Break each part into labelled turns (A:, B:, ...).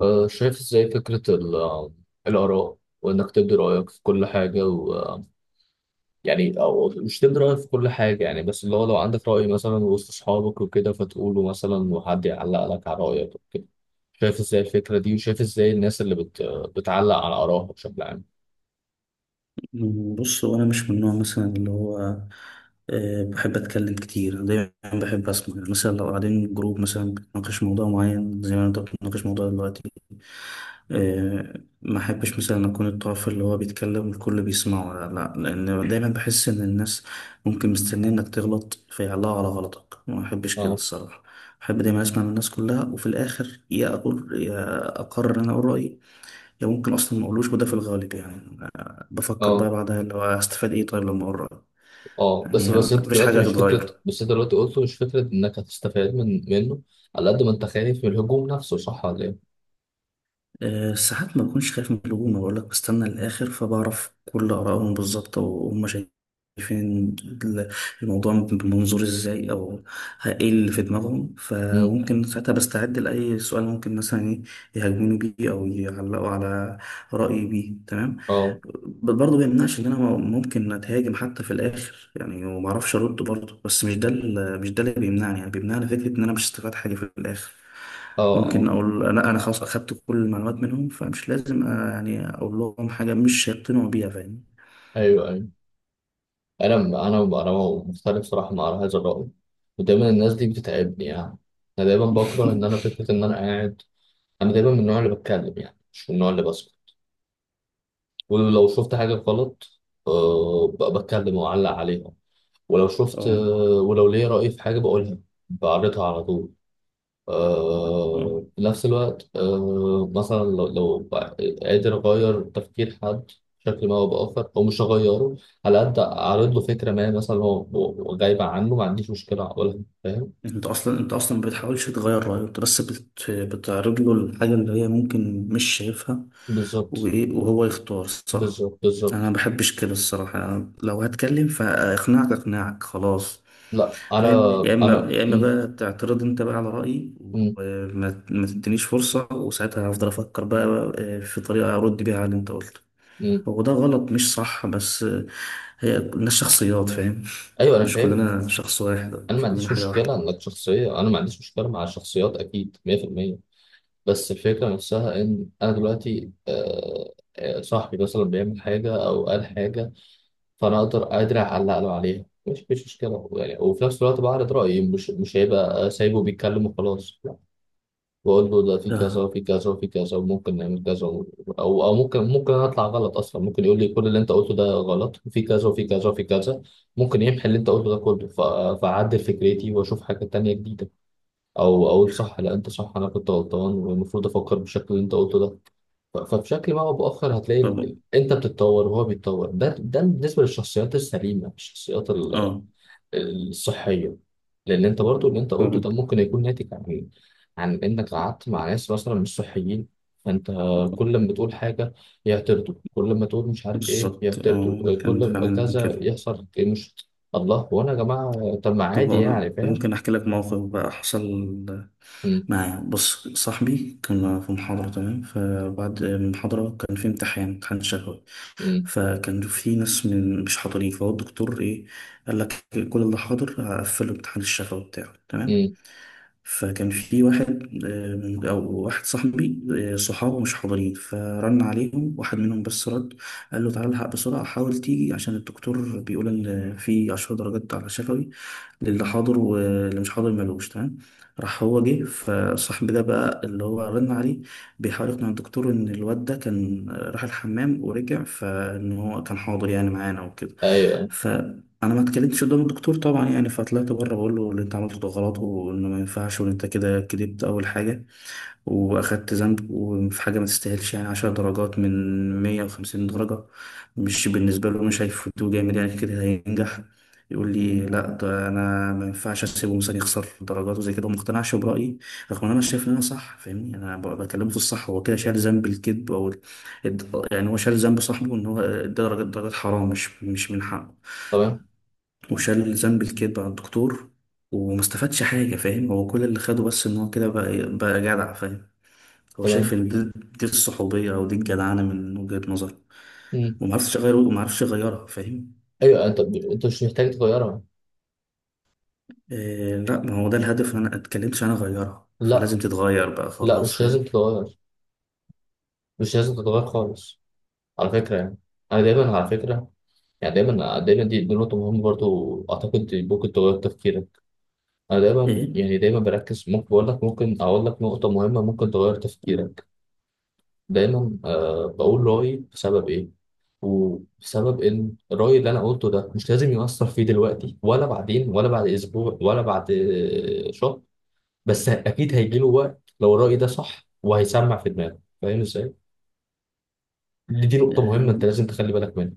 A: شايف ازاي فكرة الآراء وإنك تبدي رأيك في كل حاجة و آه، يعني أو مش تبدي رأيك في كل حاجة يعني بس اللي هو لو عندك رأي مثلا وسط أصحابك وكده فتقوله مثلا وحد يعلق لك على رأيك وكده شايف ازاي الفكرة دي وشايف ازاي الناس بتعلق على آرائها بشكل عام.
B: بص هو انا مش من النوع مثلا اللي هو بحب اتكلم كتير. أنا دايما بحب اسمع، يعني مثلا لو قاعدين جروب مثلا بنناقش موضوع معين زي ما انت بتناقش موضوع دلوقتي. آه، ما احبش مثلا اكون الطرف اللي هو بيتكلم والكل بيسمعه، لا، لان دايما بحس ان الناس ممكن مستنيه انك تغلط فيعلقوا على غلطك، ما احبش كده
A: اه
B: الصراحه. احب دايما اسمع من الناس كلها، وفي الاخر يا اقول يا اقرر إن انا اقول رايي. ده ممكن اصلا ما اقولوش، وده في الغالب، يعني بفكر بقى
A: اه
B: بعدها اللي هو هستفاد ايه، طيب لما اقرا
A: اه بس
B: يعني
A: بس انت
B: مفيش حاجه
A: دلوقتي مش فكرة،
B: هتتغير.
A: بس انت دلوقتي قلته مش فكرة انك هتستفاد منه، على قد ما انت خايف من الهجوم نفسه، صح ولا ايه؟
B: أه، ساعات ما بكونش خايف من الهجوم، بقول لك بستنى الاخر فبعرف كل ارائهم بالظبط وهم شايفين الموضوع بمنظور ازاي، او ايه اللي في دماغهم،
A: امم
B: فممكن ساعتها بستعد لاي سؤال ممكن مثلا ايه يهاجموني بيه او يعلقوا على رايي بيه، تمام.
A: اه
B: برضه بيمنعش ان انا ممكن اتهاجم حتى في الاخر يعني، وما اعرفش ارد برضه، بس مش ده اللي بيمنعني، يعني بيمنعني فكره ان انا مش استفاد حاجه في الاخر.
A: اه اه
B: ممكن اقول لا، انا خلاص اخدت كل المعلومات منهم، فمش لازم يعني اقول لهم حاجه مش هيقتنعوا بيها، فاهم.
A: ايوه ايوه انا انا مختلف صراحه مع هذا الراي، ودايما الناس دي بتتعبني يعني. انا دايما بكره ان انا فكره ان انا قاعد، انا دايما من النوع اللي بتكلم يعني مش من النوع اللي بسكت. ولو شفت حاجه غلط بتكلم واعلق عليها، ولو شفت ولو ليا راي في حاجه بقولها، بعرضها على طول.
B: طبعا.
A: في نفس الوقت مثلا لو قادر أغير تفكير حد بشكل ما أو بآخر، أو مش هغيره، على قد أعرض له فكرة ما، مثلا هو غايبة عنه، ما عنديش مشكلة أقولها، فاهم؟
B: انت اصلا ما بتحاولش تغير رايه، انت بس بتعرض له الحاجه اللي هي ممكن مش شايفها،
A: بالظبط
B: وايه وهو يختار، صح.
A: بالظبط
B: انا ما
A: بالظبط.
B: بحبش كده الصراحه، أنا لو هتكلم فاقنعك اقنعك خلاص،
A: لا أنا
B: فاهم، يا اما
A: أنا
B: يا اما
A: مم.
B: بقى تعترض انت بقى على رايي،
A: مم.
B: وما ما تدينيش فرصه، وساعتها هفضل افكر بقى في طريقه ارد بيها على اللي انت قلته.
A: مم.
B: هو ده غلط مش صح، بس هي الناس شخصيات، فاهم،
A: أيوه، أنا
B: مش
A: فاهم.
B: كلنا شخص واحد،
A: أنا
B: مش
A: ما
B: كلنا
A: عنديش
B: حاجه واحده.
A: مشكلة إنك شخصية، أنا ما عنديش مشكلة مع الشخصيات، أكيد 100%. بس الفكرة نفسها إن أنا دلوقتي صاحبي مثلا بيعمل حاجة أو قال حاجة، فانا اقدر قادر اعلق له عليها، مش مشكله يعني، وفي نفس الوقت بعرض رايي، مش هيبقى سايبه بيتكلم وخلاص، لا. بقول له ده في كذا
B: ده
A: وفي كذا وفي كذا وممكن نعمل كذا او ممكن انا اطلع غلط اصلا، ممكن يقول لي كل اللي انت قلته ده غلط، وفي كذا وفي كذا وفي كذا. ممكن يمحي اللي انت قلته ده كله، فاعدل فكرتي واشوف حاجه تانية جديده، او اقول صح، لا انت صح، انا كنت غلطان، والمفروض افكر بالشكل اللي انت قلته ده. فبشكل ما او باخر هتلاقي
B: طب
A: انت بتتطور وهو بيتطور. ده بالنسبه للشخصيات السليمه، الشخصيات
B: اه.
A: الصحيه، لان انت برضو اللي انت قلته
B: فاهم.
A: ده ممكن يكون ناتج عن انك قعدت مع ناس مثلا مش صحيين، فانت كل ما تقول حاجه يعترضوا، كل ما تقول مش عارف ايه
B: بالظبط، اه،
A: يعترضوا،
B: كان
A: كل ما
B: فعلا يكون
A: كذا
B: كده.
A: يحصل إيه، مش الله. وانا يا جماعه طب ما
B: طب
A: عادي يعني، فاهم؟
B: ممكن احكي لك موقف بقى حصل
A: مم.
B: مع، بص، صاحبي كنا في محاضرة، تمام، فبعد المحاضرة كان في امتحان شفوي،
A: مم.
B: فكان في ناس مش حاضرين، فهو الدكتور ايه قال لك كل اللي حاضر هقفل الامتحان الشفوي بتاعه، تمام.
A: مم.
B: فكان في واحد، او واحد صاحبي صحابه مش حاضرين، فرن عليهم واحد منهم بس رد، قال له تعالى الحق بسرعه، حاول تيجي عشان الدكتور بيقول ان في 10 درجات على شفوي للي حاضر، واللي مش حاضر ملوش، تمام. راح هو جه، فالصاحب ده بقى اللي هو رن عليه بيحاول يقنع الدكتور ان الواد ده كان راح الحمام ورجع، فان هو كان حاضر يعني معانا وكده.
A: ايوه
B: فانا ما اتكلمتش قدام الدكتور طبعا يعني، فطلعت بره بقول له اللي انت عملته ده غلط، وانه ما ينفعش، وان انت كده كدبت، اول حاجه واخدت ذنب، وفي حاجه ما تستاهلش، يعني 10 درجات من 150 درجه، مش بالنسبه له، مش هيفوتوه جامد يعني، كده هينجح. يقول لي لا، ده انا ما ينفعش اسيبه مثلا يخسر درجات وزي كده، وما اقتنعش برايي، رغم ان انا شايف ان انا صح، فاهمني، انا بكلمه في الصح هو كده شال ذنب الكذب، او يعني هو شال ذنب صاحبه ان هو ادى درجات حرام، مش من حقه،
A: تمام
B: وشال ذنب الكذب على الدكتور، وما استفادش حاجه، فاهم، هو كل اللي خده بس ان هو كده بقى جدع، فاهم. هو شايف
A: تمام
B: ان دي الصحوبيه، او دي الجدعنه من وجهه نظره،
A: مم.
B: وما عرفش اغيره، وما عرفش اغيرها، فاهم.
A: ايوه. انت انت مش محتاج تغيرها.
B: إيه لا، ما هو ده الهدف انا اتكلمتش، انا اغيرها،
A: لا
B: فلازم تتغير بقى
A: لا،
B: خلاص،
A: مش
B: فاهم.
A: لازم تتغير، مش لازم تتغير خالص، على فكرة يعني. أنا دايما على فكرة يعني دايما دايما، دي, دي نقطة مهمة برضو، أعتقد ممكن تغير تفكيرك. أنا دايما
B: ايه.
A: يعني دايما بركز، ممكن بقول لك، ممكن أقول لك نقطة مهمة ممكن تغير
B: مم.
A: تفكيرك. دايما أه بقول رأيي بسبب إيه، وبسبب إن الرأي اللي أنا قلته ده مش لازم يؤثر فيه دلوقتي ولا بعدين ولا بعد أسبوع ولا بعد شهر، بس أكيد هيجيله وقت لو الرأي ده صح، وهيسمع في دماغه، فاهم إزاي؟ دي دي نقطة مهمة أنت
B: إيه،
A: لازم تخلي بالك منها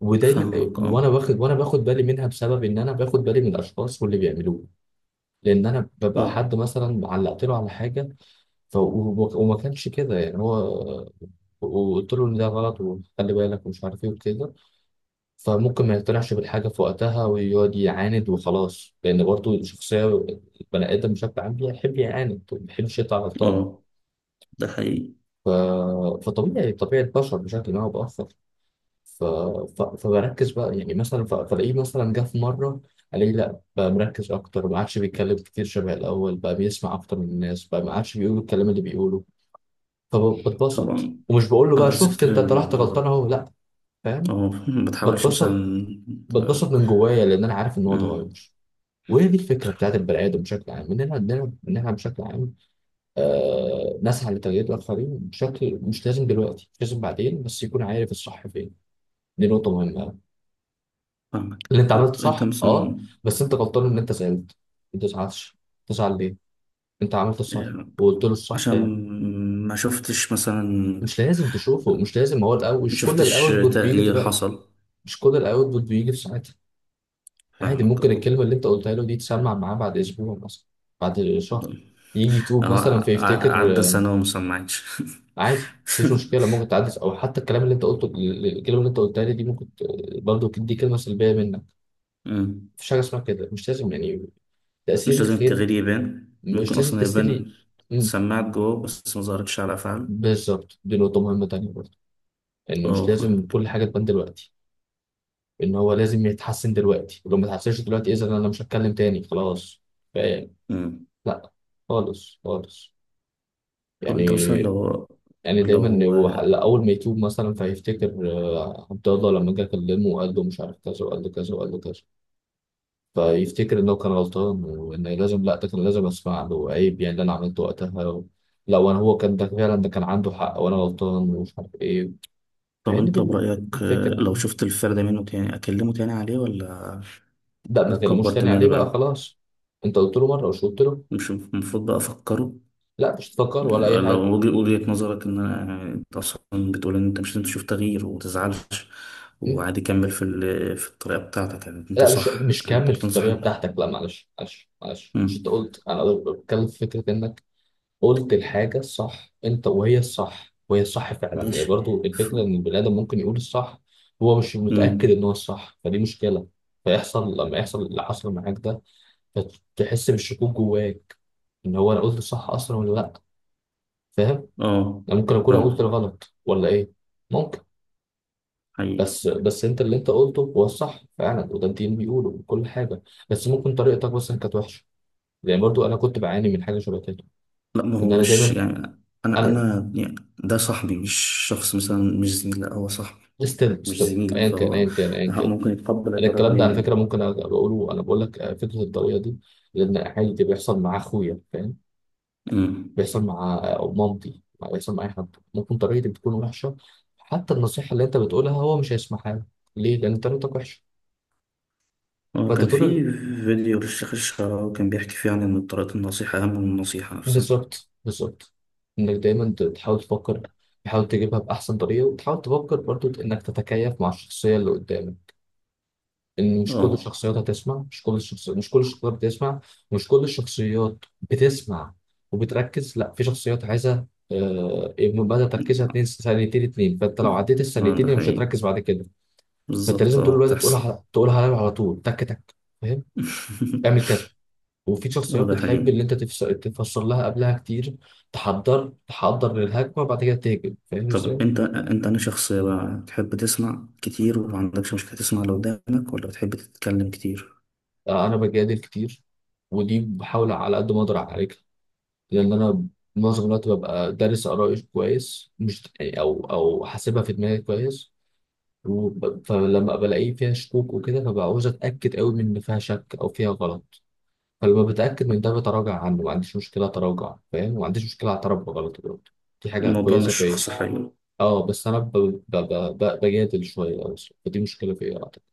A: ودايما.
B: فاهمك،
A: وأنا
B: اه.
A: باخد، وأنا باخد بالي منها بسبب إن أنا باخد بالي من الأشخاص واللي بيعملوه، لأن أنا ببقى
B: اه،
A: حد مثلا علقت له على حاجة وما كانش كده يعني هو، وقلت له إن ده غلط وخلي بالك ومش عارف إيه وكده، فممكن ما يقتنعش بالحاجة في وقتها ويقعد يعاند وخلاص، لأن برضه الشخصية، البني آدم بشكل عام بيحب يعاند وما بيحبش يطلع غلطان.
B: اه، ده حقيقي.
A: ف... فطبيعي طبيعي البشر بشكل ما أو بآخر. ف... فبركز بقى يعني مثلا، فلاقيه مثلا جه في مرة الاقيه لا بقى مركز اكتر، ما عادش بيتكلم كتير شبه الاول، بقى بيسمع اكتر من الناس، بقى ما عادش بيقول الكلام اللي بيقوله. فبتبسط
B: طبعا.
A: ومش بقول له
B: على
A: بقى شفت
B: ذكر
A: انت طلعت
B: الموضوع
A: غلطان
B: ده،
A: اهو، لا، فاهم؟
B: اه، ما تحاولش
A: بتبسط،
B: مثلا ت-
A: بتبسط من جوايا لان انا عارف ان هو
B: مم،
A: اتغير. وهي دي الفكره بتاعت البني ادم بشكل عام، ان احنا عندنا، ان احنا بشكل عام آه نسعى لتغيير الاخرين، بشكل مش لازم دلوقتي، مش لازم بعدين، بس يكون عارف الصح فين. دي نقطه مهمه.
B: فاهمك،
A: اللي انت عملته
B: طب انت
A: صح، اه،
B: مثلا.
A: بس انت غلطان ان انت زعلت. ما تزعلش، تزعل ليه؟ انت عملت الصح
B: إيه،
A: وقلت له الصح
B: عشان
A: يعني.
B: ما شفتش مثلا
A: مش لازم تشوفه، مش لازم هو الاول،
B: ما
A: مش كل
B: شفتش
A: الاوتبوت بيجي
B: تغيير
A: دلوقتي،
B: حصل.
A: مش كل الاوتبوت بيجي في ساعتها. عادي،
B: فاهمك،
A: ممكن
B: اه.
A: الكلمه اللي انت قلتها له دي تسمع معاه بعد اسبوع مثلا، بعد شهر، يجي يتوب مثلا
B: اه،
A: فيفتكر
B: عدى سنة ومثلا ما عادش.
A: عادي، مفيش مشكله، ممكن تعدي. او حتى الكلام اللي انت قلته، الكلمه اللي انت قلتها لي دي، برضه دي كلمه سلبيه منك،
B: مم.
A: مفيش حاجه اسمها كده، مش لازم يعني تاثير
B: مش لازم
A: الخير،
B: التغيير يبان،
A: مش
B: ممكن
A: لازم
B: أصلا
A: تاثيري.
B: يبان سماعة جوه بس ما ظهرتش على أفعال.
A: بالظبط، دي نقطة مهمة تانية برضه، إن مش
B: اه،
A: لازم
B: فاهمك.
A: كل حاجة تبان دلوقتي، إن هو لازم يتحسن دلوقتي، لو ما اتحسنش دلوقتي إذا أنا مش هتكلم تاني خلاص، فاهم؟
B: مم.
A: لا، خالص خالص
B: طب أنت مثلا
A: يعني.
B: لو
A: يعني دايما
B: لو
A: هو لا، أول ما يتوب مثلا فيفتكر عبد الله لما جه كلمه وقال له مش عارف كذا وقال له كذا وقال له كذا، فيفتكر إنه كان غلطان، وإن لازم، لا، ده كان لازم أسمع له، عيب يعني اللي أنا عملته وقتها و... لا، وأنا هو كان، ده فعلا ده كان عنده حق وأنا غلطان ومش عارف إيه.
B: طب
A: فهي
B: أنت
A: دي
B: برأيك
A: الفكرة.
B: لو شفت الفرد منه تاني أكلمه تاني عليه، ولا
A: ده ما تكلموش
B: أكبر
A: تاني
B: دماغي
A: عليه بقى
B: بقى،
A: خلاص، انت قلت له مره، مش قلت له؟
B: مش المفروض بقى أفكره،
A: لا، مش تفكر ولا اي حاجه.
B: لو وجهة نظرك إن أنا، يعني أنت أصلا بتقول إن أنت مش لازم تشوف تغيير ومتزعلش
A: م?
B: وعادي كمل في في الطريقة بتاعتك، يعني أنت
A: لا، مش
B: صح
A: مش
B: أنت
A: كمل في
B: بتنصح.
A: الطريقه بتاعتك، لا معلش معلش معلش، مش
B: مم.
A: انت قلت انا بتكلم في فكره انك قلت الحاجه الصح؟ انت وهي الصح، وهي الصح فعلا يعني.
B: ماشي.
A: برضو الفكره ان البني ادم ممكن يقول الصح هو مش متاكد
B: امم.
A: ان هو الصح، فدي مشكله، فيحصل لما يحصل اللي حصل معاك ده، تحس بالشكوك جواك ان هو انا قلت الصح اصلا ولا لا، فاهم؟
B: اه.
A: انا ممكن اكون قلت
B: فاهم.
A: الغلط ولا ايه؟ ممكن.
B: حقيقي.
A: بس بس انت اللي انت قلته هو الصح فعلا، وده الدين بيقوله وكل حاجه، بس ممكن طريقتك بس كانت وحشه. يعني برضو انا كنت بعاني من حاجه شبه كده،
B: لا، ما هو
A: ان انا
B: مش
A: دايما،
B: يعني، انا
A: انا
B: انا يعني ده صاحبي، مش شخص مثلا، مش زميل، لا هو صاحبي،
A: ستيل
B: مش
A: ستيل،
B: زميلي،
A: ايا كان
B: فهو
A: ايا كان ايا كان.
B: ممكن يتقبل
A: انا
B: الآراء
A: الكلام ده على
B: ليه.
A: فكره ممكن أبقى بقوله، انا بقول لك فكره الطريقه دي، لان عادي بيحصل مع اخويا، فاهم؟
B: امم
A: بيحصل مع مامتي، بيحصل مع اي حد، ممكن طريقتي بتكون وحشه. حتى النصيحه اللي انت بتقولها هو مش هيسمعها لك. ليه؟ لان طريقتك وحشه.
B: هو
A: فانت
B: كان
A: طول.
B: في فيديو للشيخ الشعراوي كان بيحكي فيه عن ان طريقة النصيحة اهم من النصيحة نفسها.
A: بالظبط بالظبط، انك دايما تحاول تفكر، تحاول تجيبها باحسن طريقه، وتحاول تفكر برضو انك تتكيف مع الشخصيه اللي قدامك، ان مش كل
B: اه.
A: الشخصيات هتسمع، مش كل الشخص، مش كل الشخصيات بتسمع، مش كل الشخصيات بتسمع وبتركز، لا، في شخصيات عايزه مدى تركيزها اتنين، ثانيتين اتنين، فانت لو عديت
B: اه،
A: الثانيتين
B: ده
A: هي مش
B: حقيقي.
A: هتركز بعد كده. فانت
B: بالظبط،
A: لازم طول
B: اه،
A: الوقت
B: بتحصل.
A: تقولها على على طول، تك تك، فاهم؟ اعمل كذا. وفي
B: اه،
A: شخصيات
B: ده
A: بتحب
B: حقيقي.
A: اللي انت تفسر لها قبلها كتير، تحضر تحضر للهجمه، وبعد كده تهاجم، فاهم ازاي؟
B: طب انت انا شخص بقى، تحب تسمع كتير وما عندكش مشكلة تسمع اللي قدامك، ولا بتحب تتكلم كتير؟
A: انا بجادل كتير، ودي بحاول على قد ما اقدر اعالجها، لان انا معظم الوقت ببقى دارس ارائي كويس، مش او او حاسبها في دماغي كويس، فلما بلاقيه فيها شكوك وكده فبعوز اتاكد قوي من ان فيها شك او فيها غلط، فلما بتاكد من ده بتراجع عنه، ما عنديش مشكله اتراجع فاهم، ما عنديش مشكله اعترف بغلطي برضه، دي حاجه
B: الموضوع
A: كويسه
B: مش
A: فيا.
B: شخص حي.
A: اه، بس انا بجادل شويه بس، فدي مشكله فيا.